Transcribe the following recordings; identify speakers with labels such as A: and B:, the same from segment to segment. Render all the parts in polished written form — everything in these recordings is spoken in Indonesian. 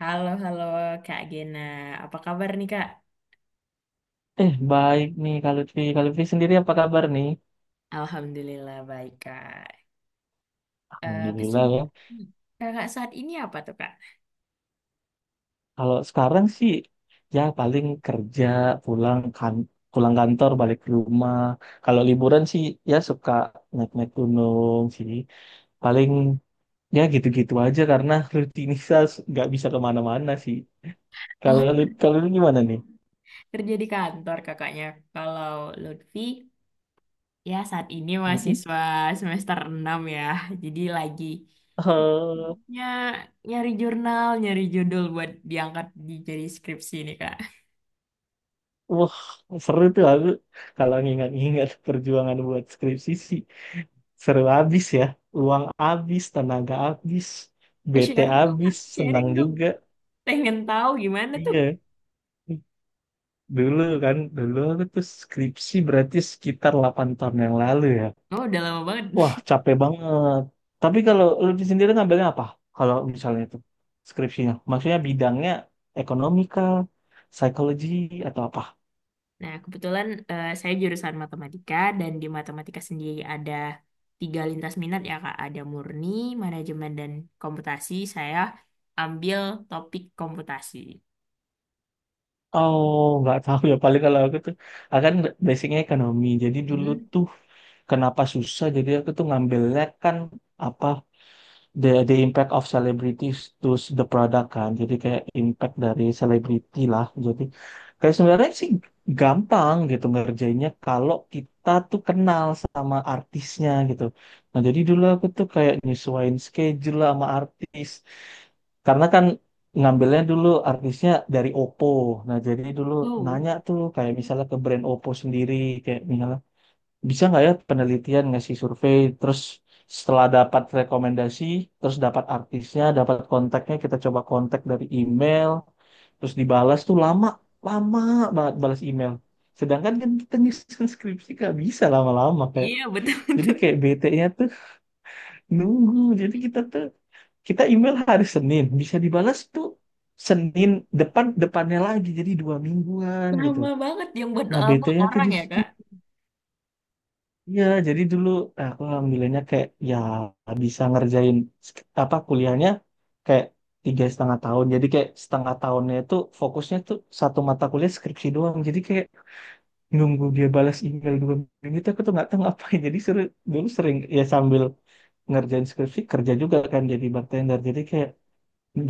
A: Halo, halo Kak Gena. Apa kabar nih Kak?
B: Baik nih kalau Lutfi. Kalau Lutfi sendiri apa kabar nih?
A: Alhamdulillah baik Kak.
B: Alhamdulillah ya.
A: Kesibukan Kakak saat ini apa tuh Kak?
B: Kalau sekarang sih ya paling kerja, pulang kan pulang kantor, balik ke rumah. Kalau liburan sih ya suka naik-naik gunung sih. Paling ya gitu-gitu aja karena rutinitas nggak bisa kemana-mana sih. Kalau
A: Oh,
B: kalau lu gimana nih?
A: kerja di kantor kakaknya. Kalau Lutfi, ya saat ini
B: Mm-mm.
A: mahasiswa semester 6 ya. Jadi lagi
B: Eh,
A: sibuknya nyari jurnal, nyari judul buat diangkat di jadi skripsi nih Kak.
B: wah, seru tuh aku kalau ngingat-ngingat perjuangan buat skripsi sih. Seru abis ya. Uang abis, tenaga abis, BT
A: Sharing dong
B: abis,
A: Kak,
B: senang
A: sharing dong.
B: juga.
A: Pengen tahu gimana tuh?
B: Iya. Dulu aku tuh skripsi berarti sekitar 8 tahun yang lalu ya.
A: Oh, udah lama banget.
B: Wah, capek banget. Tapi kalau lebih sendiri ngambilnya apa? Kalau misalnya itu skripsinya. Maksudnya bidangnya ekonomika, psikologi, atau apa?
A: Nah, kebetulan saya jurusan matematika dan di matematika sendiri ada tiga lintas minat ya Kak. Ada murni, manajemen, dan komputasi. Saya ambil topik komputasi.
B: Oh, nggak tahu ya. Paling kalau aku tuh, akan basicnya ekonomi. Jadi dulu
A: Hmm.
B: tuh kenapa susah? Jadi aku tuh ngambilnya kan apa the impact of celebrities to the product kan. Jadi kayak impact dari selebriti lah. Jadi kayak sebenarnya sih gampang gitu ngerjainnya kalau kita tuh kenal sama artisnya gitu. Nah, jadi dulu aku tuh kayak nyesuaiin schedule lah sama artis. Karena kan ngambilnya dulu artisnya dari Oppo. Nah, jadi dulu
A: Wow.
B: nanya tuh kayak misalnya ke brand Oppo sendiri kayak misalnya bisa nggak ya penelitian ngasih survei terus setelah dapat rekomendasi, terus dapat artisnya, dapat kontaknya, kita coba kontak dari email, terus dibalas tuh lama, lama banget balas email. Sedangkan kan kita nyusun skripsi nggak bisa lama-lama kayak.
A: Iya,
B: Jadi
A: betul-betul.
B: kayak bete-nya tuh nunggu. Jadi kita email hari Senin bisa dibalas tuh Senin depan depannya lagi jadi 2 mingguan gitu.
A: Lama banget yang buat
B: Nah, BT
A: lama
B: tuh
A: orang
B: di
A: ya
B: situ
A: Kak.
B: ya jadi dulu. Nah, aku alhamdulillahnya kayak ya bisa ngerjain apa kuliahnya kayak 3,5 tahun jadi kayak setengah tahunnya itu fokusnya tuh satu mata kuliah skripsi doang jadi kayak nunggu dia balas email 2 minggu itu aku tuh nggak tahu ngapain jadi seru. Dulu sering ya sambil ngerjain skripsi kerja juga kan jadi bartender jadi kayak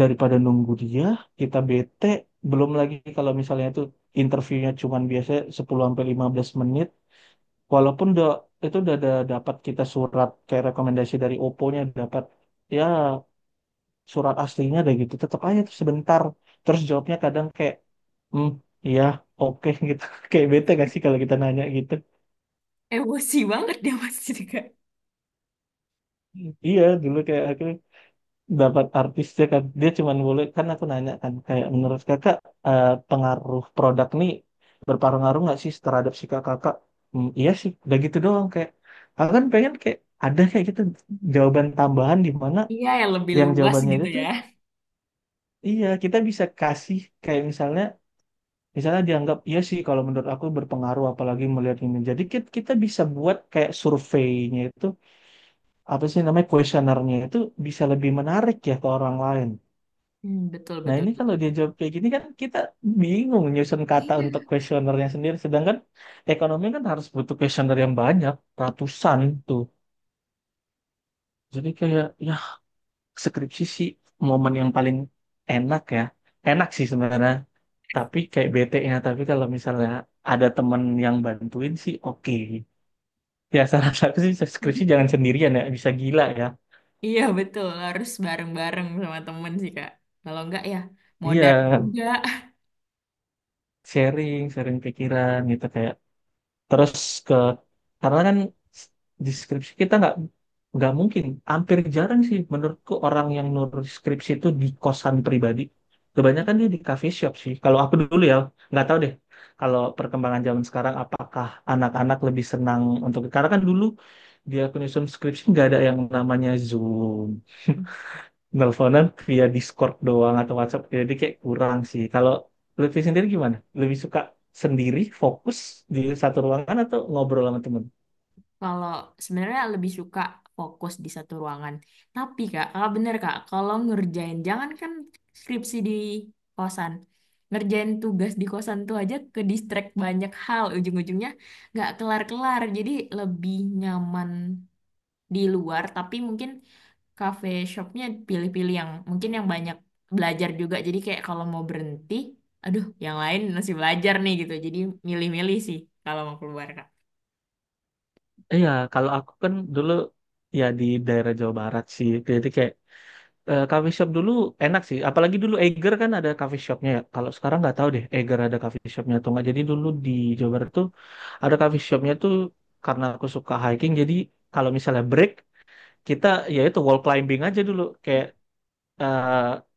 B: daripada nunggu dia kita bete. Belum lagi kalau misalnya itu interviewnya cuman biasanya 10 sampai 15 menit walaupun udah itu udah ada dapat kita surat kayak rekomendasi dari Oppo-nya dapat ya surat aslinya deh gitu tetap aja tuh sebentar. Terus jawabnya kadang kayak hmm ya oke gitu kayak bete gak sih kalau kita nanya gitu.
A: Emosi banget dia pasti Kak.
B: Iya, dulu kayak akhirnya dapat artisnya kan dia cuman boleh kan aku nanya kan kayak menurut kakak, pengaruh produk nih berpengaruh nggak sih terhadap si kakak. Hmm, iya sih udah gitu doang kayak aku kan pengen kayak ada kayak gitu jawaban tambahan di mana
A: Iya, yang lebih
B: yang
A: luas
B: jawabannya itu
A: gitu ya.
B: tuh iya kita bisa kasih kayak misalnya misalnya dianggap iya sih kalau menurut aku berpengaruh apalagi melihat ini jadi kita bisa buat kayak surveinya itu apa sih namanya kuesionernya itu bisa lebih menarik ya ke orang lain.
A: Hmm, betul,
B: Nah,
A: betul,
B: ini kalau dia
A: betul.
B: jawab kayak gini kan kita bingung nyusun kata untuk
A: Iya.
B: kuesionernya sendiri. Sedangkan ekonomi kan harus butuh kuesioner yang banyak, ratusan tuh. Jadi kayak, ya skripsi sih momen yang paling enak ya. Enak sih sebenarnya, tapi kayak bete-nya. Tapi kalau misalnya ada temen yang bantuin sih oke. Ya, salah satu sih skripsi jangan sendirian ya, bisa gila ya.
A: Iya, betul. Harus bareng-bareng sama temen sih Kak. Kalau enggak ya modar
B: Iya,
A: juga.
B: sharing, sharing pikiran gitu kayak terus ke karena kan di skripsi kita nggak mungkin hampir jarang sih menurutku orang yang nulis skripsi itu di kosan pribadi kebanyakan dia di cafe shop sih kalau aku dulu ya. Nggak tahu deh kalau perkembangan zaman sekarang apakah anak-anak lebih senang untuk karena kan dulu aku nyusun skripsi nggak ada yang namanya Zoom nelponan via Discord doang atau WhatsApp jadi kayak kurang sih kalau Lutfi sendiri gimana lebih suka sendiri fokus di satu ruangan atau ngobrol sama temen.
A: Kalau sebenarnya lebih suka fokus di satu ruangan. Tapi Kak, kalau bener Kak, kalau ngerjain jangan kan skripsi di kosan. Ngerjain tugas di kosan tuh aja ke distract banyak hal ujung-ujungnya nggak kelar-kelar. Jadi lebih nyaman di luar, tapi mungkin cafe shopnya pilih-pilih yang mungkin yang banyak belajar juga. Jadi kayak kalau mau berhenti, aduh yang lain masih belajar nih gitu. Jadi milih-milih sih kalau mau keluar Kak.
B: Iya kalau aku kan dulu ya di daerah Jawa Barat sih jadi kayak coffee shop dulu enak sih apalagi dulu Eiger kan ada coffee shopnya ya kalau sekarang nggak tahu deh Eiger ada coffee shopnya atau nggak jadi dulu di Jawa Barat tuh ada coffee shopnya tuh karena aku suka hiking jadi kalau misalnya break kita ya itu wall climbing aja dulu kayak eh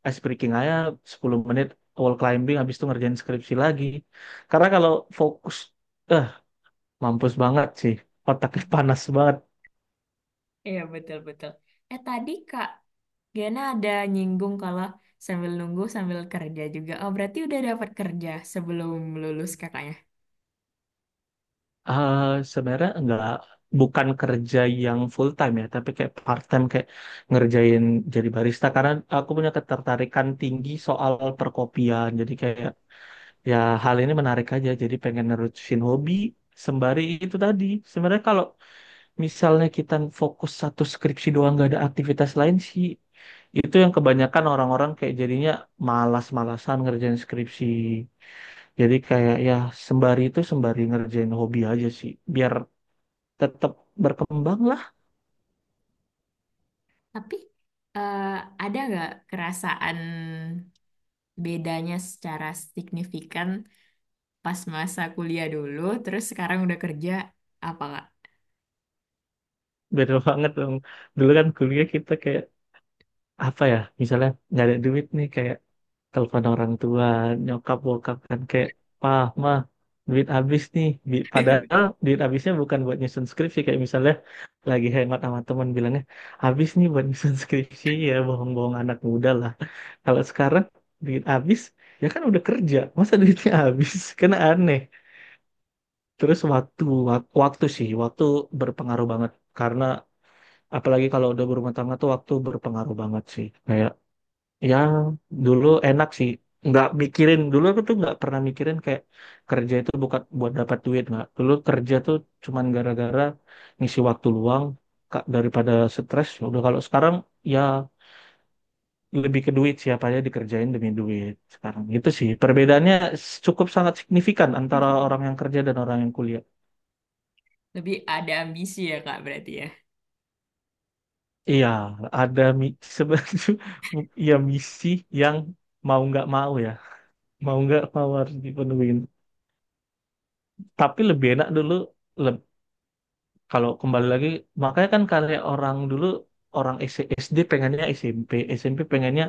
B: ice breaking aja 10 menit wall climbing habis itu ngerjain skripsi lagi. Karena kalau fokus eh mampus banget sih. Otaknya panas banget.
A: Iya, betul-betul. Tadi Kak Gena ada nyinggung kalau sambil nunggu sambil kerja juga. Oh, berarti udah dapat kerja sebelum lulus kakaknya.
B: Eh Sebenarnya enggak bukan kerja yang full time ya, tapi kayak part time kayak ngerjain jadi barista karena aku punya ketertarikan tinggi soal perkopian. Jadi kayak ya hal ini menarik aja jadi pengen nerusin hobi sembari itu tadi. Sebenarnya kalau misalnya kita fokus satu skripsi doang nggak ada aktivitas lain sih itu yang kebanyakan orang-orang kayak jadinya malas-malasan ngerjain skripsi jadi kayak ya sembari itu sembari ngerjain hobi aja sih biar tetap berkembang lah.
A: Tapi eh, ada nggak kerasaan bedanya secara signifikan pas masa kuliah dulu, terus sekarang udah kerja, apa Kak?
B: Beda banget dong dulu kan kuliah kita kayak apa ya misalnya nggak ada duit nih kayak telepon orang tua nyokap bokap kan kayak pah mah duit habis nih padahal duit habisnya bukan buat nyusun skripsi kayak misalnya lagi hemat sama teman bilangnya habis nih buat nyusun skripsi ya bohong-bohong anak muda lah. Kalau sekarang duit habis ya kan udah kerja masa duitnya habis kan aneh. Terus waktu waktu sih waktu berpengaruh banget karena apalagi kalau udah berumah tangga tuh waktu berpengaruh banget sih kayak. Ya, dulu enak sih. Nggak mikirin, dulu aku tuh nggak pernah mikirin kayak kerja itu bukan buat dapat duit, nggak. Dulu kerja tuh cuman gara-gara ngisi waktu luang Kak, daripada stres. Ya udah kalau sekarang ya lebih ke duit siapa aja dikerjain demi duit sekarang, itu sih. Perbedaannya cukup sangat signifikan antara orang yang kerja dan orang yang kuliah.
A: Lebih ada ambisi ya Kak berarti ya?
B: Iya, ada sebenarnya ya misi yang mau nggak mau ya, mau nggak mau harus dipenuhi. Tapi lebih enak dulu leb- kalau kembali lagi makanya kan karya orang dulu orang SD pengennya SMP, SMP pengennya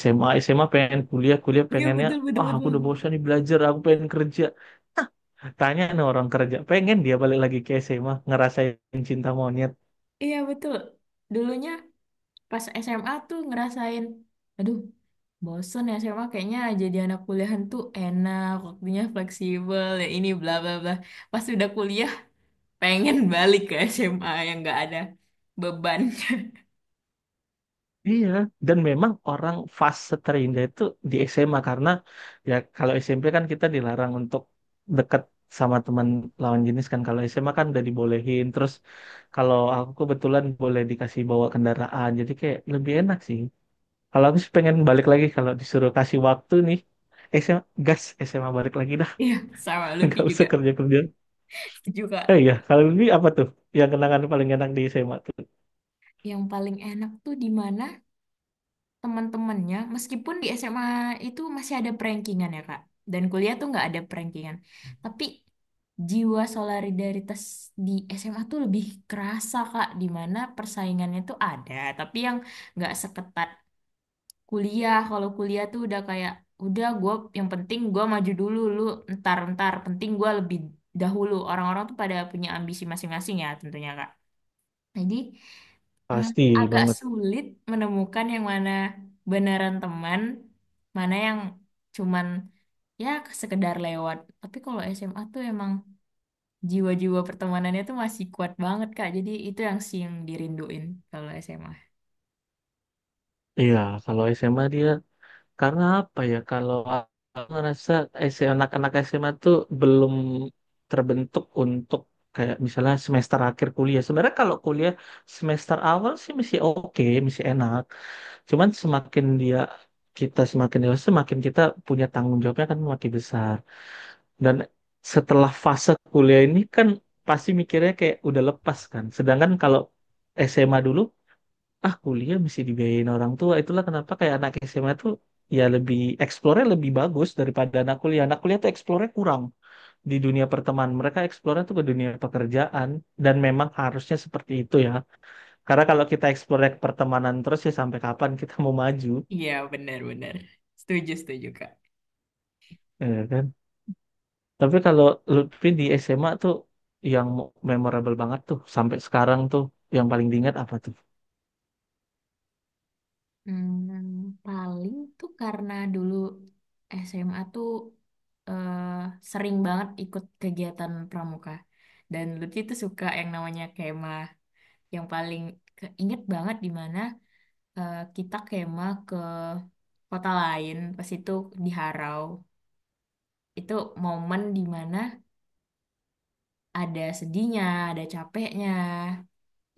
B: SMA, SMA pengen kuliah, kuliah
A: Iya,
B: pengennya,
A: betul-betul. Betul,
B: wah aku
A: betul,
B: udah
A: betul.
B: bosan nih belajar aku pengen kerja. Hah, tanya nih orang kerja pengen dia balik lagi ke SMA ngerasain cinta monyet.
A: Iya, betul. Dulunya pas SMA tuh ngerasain, aduh, bosen ya SMA kayaknya jadi anak kuliahan tuh enak, waktunya fleksibel, ya ini bla bla bla. Pas udah kuliah, pengen balik ke SMA yang nggak ada beban.
B: Iya, dan memang orang fase terindah itu di SMA karena ya kalau SMP kan kita dilarang untuk deket sama teman lawan jenis kan kalau SMA kan udah dibolehin terus kalau aku kebetulan boleh dikasih bawa kendaraan jadi kayak lebih enak sih. Kalau aku sih pengen balik lagi kalau disuruh kasih waktu nih SMA gas SMA balik lagi dah.
A: Iya, sama Lutfi
B: Nggak usah
A: juga.
B: kerja kerja.
A: Setuju, Kak.
B: Iya kalau lebih apa tuh yang kenangan paling enak di SMA tuh
A: Yang paling enak tuh di mana teman-temannya meskipun di SMA itu masih ada prankingan ya Kak, dan kuliah tuh nggak ada prankingan, tapi jiwa solidaritas di SMA tuh lebih kerasa Kak, di mana persaingannya tuh ada tapi yang nggak seketat kuliah. Kalau kuliah tuh udah kayak udah gue, yang penting gue maju dulu, lu ntar, ntar penting gue lebih dahulu. Orang-orang tuh pada punya ambisi masing-masing ya tentunya Kak, jadi hmm,
B: pasti
A: agak
B: banget.
A: sulit menemukan yang mana beneran teman, mana yang cuman ya sekedar lewat. Tapi kalau SMA tuh emang jiwa-jiwa pertemanannya tuh masih kuat banget, Kak. Jadi itu yang sih yang dirinduin kalau SMA.
B: Iya kalau SMA dia, karena apa ya, kalau aku ngerasa S- M anak-anak SMA tuh belum terbentuk untuk kayak misalnya semester akhir kuliah. Sebenarnya kalau kuliah semester awal sih masih oke, masih enak. Cuman semakin kita semakin dewasa, semakin kita punya tanggung jawabnya kan makin besar. Dan setelah fase kuliah ini kan pasti mikirnya kayak udah lepas kan. Sedangkan kalau SMA dulu ah kuliah mesti dibiayain orang tua itulah kenapa kayak anak SMA tuh ya lebih eksplornya lebih bagus daripada anak kuliah, anak kuliah tuh eksplornya kurang di dunia pertemanan mereka eksplornya tuh ke dunia pekerjaan dan memang harusnya seperti itu ya karena kalau kita eksplornya ke pertemanan terus ya sampai kapan kita mau maju.
A: Iya, benar-benar. Setuju, setuju, Kak.
B: Ya kan tapi kalau Lutfi di SMA tuh yang memorable banget tuh sampai sekarang tuh yang paling diingat apa tuh.
A: Hmm, paling tuh karena dulu SMA tuh eh, sering banget ikut kegiatan pramuka. Dan Lutfi tuh suka yang namanya kema. Yang paling keinget banget di mana kita kemah ke kota lain pas itu di Harau. Itu momen di mana ada sedihnya, ada capeknya,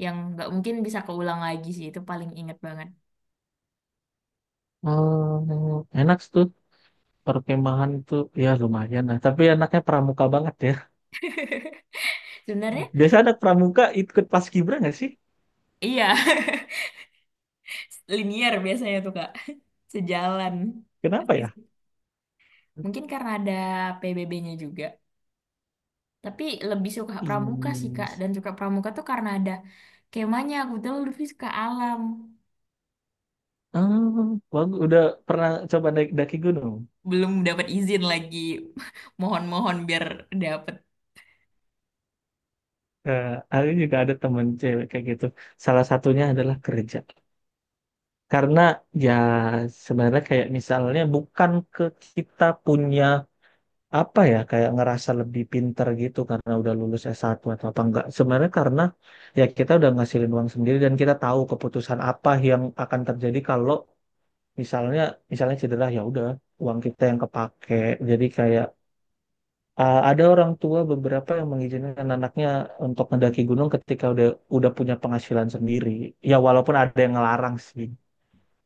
A: yang nggak mungkin bisa keulang lagi sih. Itu paling inget banget.
B: Oh, enak tuh perkemahan tuh ya lumayan lah tapi anaknya pramuka banget ya.
A: Sebenarnya
B: Biasa anak pramuka ikut paskibra nggak sih?
A: iya. Linear biasanya tuh kak, sejalan
B: Kenapa
A: pasti
B: ya?
A: sih. Mungkin karena ada PBB-nya juga, tapi lebih suka
B: Ih.
A: pramuka sih kak, dan suka pramuka tuh karena ada kemahnya. Aku tuh lebih suka alam.
B: Oh, bagus. Udah pernah coba naik daki gunung?
A: Belum dapat izin lagi. Mohon-mohon biar dapat.
B: Eh, aku juga ada temen cewek kayak gitu. Salah satunya adalah kerja. Karena ya sebenarnya kayak misalnya bukan ke kita punya apa ya kayak ngerasa lebih pinter gitu karena udah lulus S1 atau apa enggak. Sebenarnya karena ya kita udah ngasilin uang sendiri dan kita tahu keputusan apa yang akan terjadi kalau misalnya misalnya cedera ya udah uang kita yang kepake jadi kayak ada orang tua beberapa yang mengizinkan anaknya untuk mendaki gunung ketika udah punya penghasilan sendiri ya walaupun ada yang ngelarang sih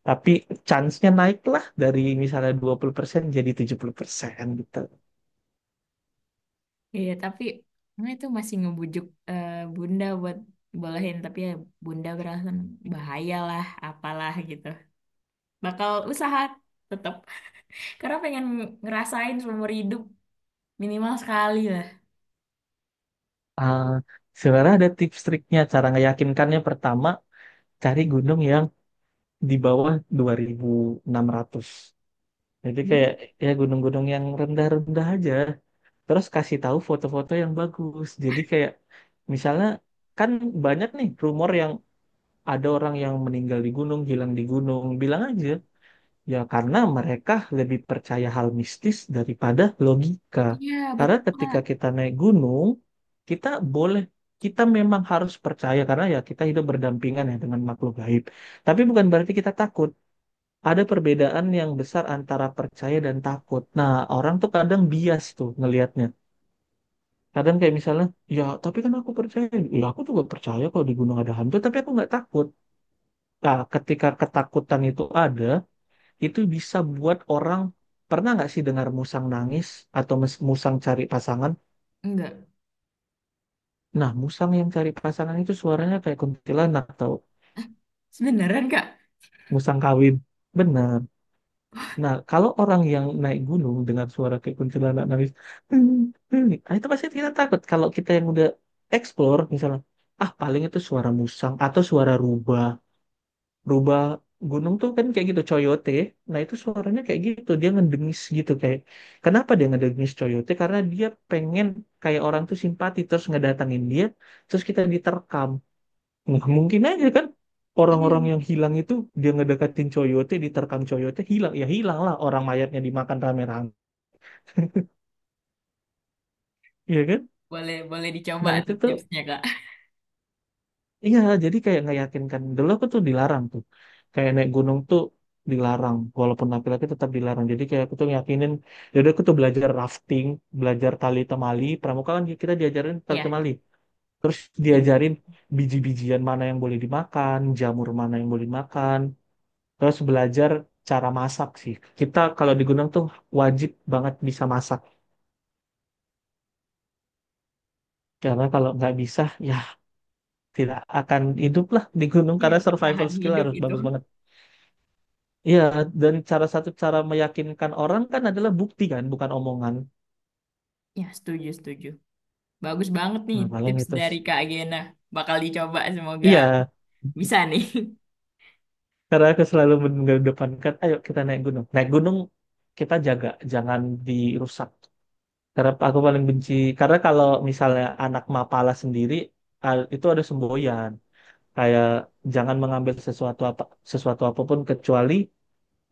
B: tapi chance-nya naik lah dari misalnya 20% jadi 70% gitu.
A: Iya, tapi nah itu masih ngebujuk bunda buat bolehin, tapi ya bunda beralasan bahaya lah apalah gitu. Bakal usaha tetap, karena pengen ngerasain seumur hidup minimal sekali lah.
B: Uh, Sebenarnya ada tips triknya cara ngeyakinkannya pertama cari gunung yang di bawah 2.600 jadi
A: Hmm,
B: kayak ya gunung-gunung yang rendah-rendah aja terus kasih tahu foto-foto yang bagus. Jadi kayak misalnya kan banyak nih rumor yang ada orang yang meninggal di gunung, hilang di gunung. Bilang aja ya karena mereka lebih percaya hal mistis daripada logika.
A: iya
B: Karena
A: betul
B: ketika
A: kak.
B: kita naik gunung, kita boleh kita memang harus percaya karena ya kita hidup berdampingan ya dengan makhluk gaib. Tapi bukan berarti kita takut. Ada perbedaan yang besar antara percaya dan takut. Nah, orang tuh kadang bias tuh ngelihatnya kadang kayak misalnya ya tapi kan aku percaya ya aku juga percaya kalau di gunung ada hantu tapi aku nggak takut. Nah ketika ketakutan itu ada itu bisa buat orang pernah nggak sih dengar musang nangis atau musang cari pasangan.
A: Enggak.
B: Nah musang yang cari pasangan itu suaranya kayak kuntilanak atau
A: Sebeneran kak.
B: musang kawin benar. Nah kalau orang yang naik gunung dengan suara kayak kuntilanak nangis nah itu pasti kita takut kalau kita yang udah explore misalnya ah paling itu suara musang atau suara rubah berubah gunung tuh kan kayak gitu coyote. Nah itu suaranya kayak gitu dia ngedengis gitu kayak kenapa dia ngedengis coyote karena dia pengen kayak orang tuh simpati terus ngedatangin dia terus kita diterkam. Nah, mungkin aja kan
A: Iya,
B: orang-orang yang hilang itu dia ngedekatin coyote diterkam coyote hilang ya hilang lah orang mayatnya dimakan rame-rame. Iya kan
A: boleh boleh dicoba
B: nah itu
A: tuh
B: tuh.
A: tipsnya kak.
B: Iya, jadi kayak nggak yakinkan. Dulu aku tuh dilarang tuh. Kayak naik gunung tuh dilarang. Walaupun laki-laki tetap dilarang. Jadi kayak aku tuh yakinin. Jadi aku tuh belajar rafting, belajar tali temali. Pramuka kan kita diajarin tali
A: Iya,
B: temali. Terus
A: sibuk.
B: diajarin biji-bijian mana yang boleh dimakan, jamur mana yang boleh dimakan. Terus belajar cara masak sih. Kita kalau di gunung tuh wajib banget bisa masak. Karena kalau nggak bisa, ya tidak akan hidup lah di gunung.
A: Iya,
B: Karena survival
A: bertahan
B: skill
A: hidup
B: harus
A: itu.
B: bagus banget. Iya, dan cara satu cara meyakinkan orang kan adalah bukti kan, bukan omongan.
A: Ya, setuju, setuju. Bagus banget nih
B: Nah, paling
A: tips
B: itu.
A: dari Kak Gena. Bakal dicoba, semoga
B: Iya,
A: bisa nih.
B: karena aku selalu mengedepankan, ayo kita naik gunung. Naik gunung kita jaga, jangan dirusak. Karena aku paling benci, karena kalau misalnya anak mapala sendiri, itu ada semboyan. Kayak jangan mengambil sesuatu apapun kecuali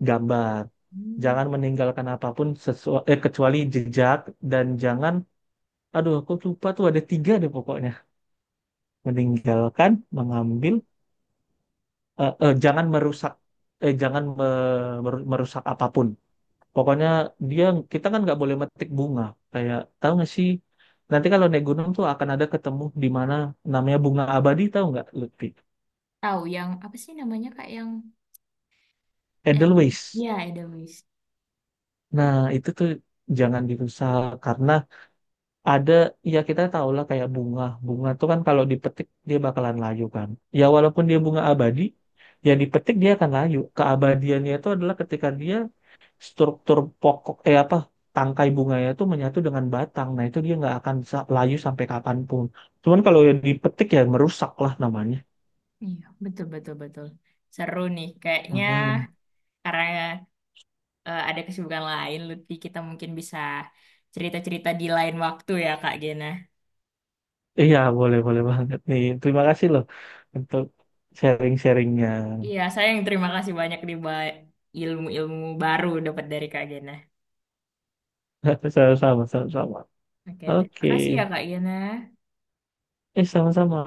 B: gambar.
A: Hmm.
B: Jangan meninggalkan apapun kecuali jejak dan jangan. Aduh, aku lupa tuh ada tiga deh pokoknya. Meninggalkan mengambil jangan merusak jangan merusak apapun pokoknya dia kita kan nggak boleh metik bunga kayak tahu nggak sih nanti kalau naik gunung tuh akan ada ketemu di mana namanya bunga abadi tahu nggak Lutfi.
A: Tahu, yang apa sih namanya Kak yang eh,
B: Edelweiss.
A: ya Edelweiss.
B: Nah itu tuh jangan dirusak karena ada ya kita tahu lah kayak bunga bunga tuh kan kalau dipetik dia bakalan layu kan. Ya walaupun dia bunga abadi ya dipetik dia akan layu keabadiannya itu adalah ketika dia struktur pokok apa tangkai bunganya itu menyatu dengan batang. Nah, itu dia nggak akan bisa layu sampai kapanpun. Cuman kalau yang dipetik ya merusak lah namanya.
A: Iya, betul betul betul. Seru nih kayaknya,
B: Makan.
A: karena ada kesibukan lain Lutfi, kita mungkin bisa cerita-cerita di lain waktu ya Kak Gena.
B: Iya, boleh boleh banget nih. Terima kasih loh untuk sharing-sharingnya.
A: Iya, saya yang terima kasih banyak di ba- ilmu-ilmu baru dapat dari Kak Gena.
B: Sama-sama, sama-sama.
A: Oke, terima
B: Oke.
A: kasih ya Kak Gena.
B: Sama-sama.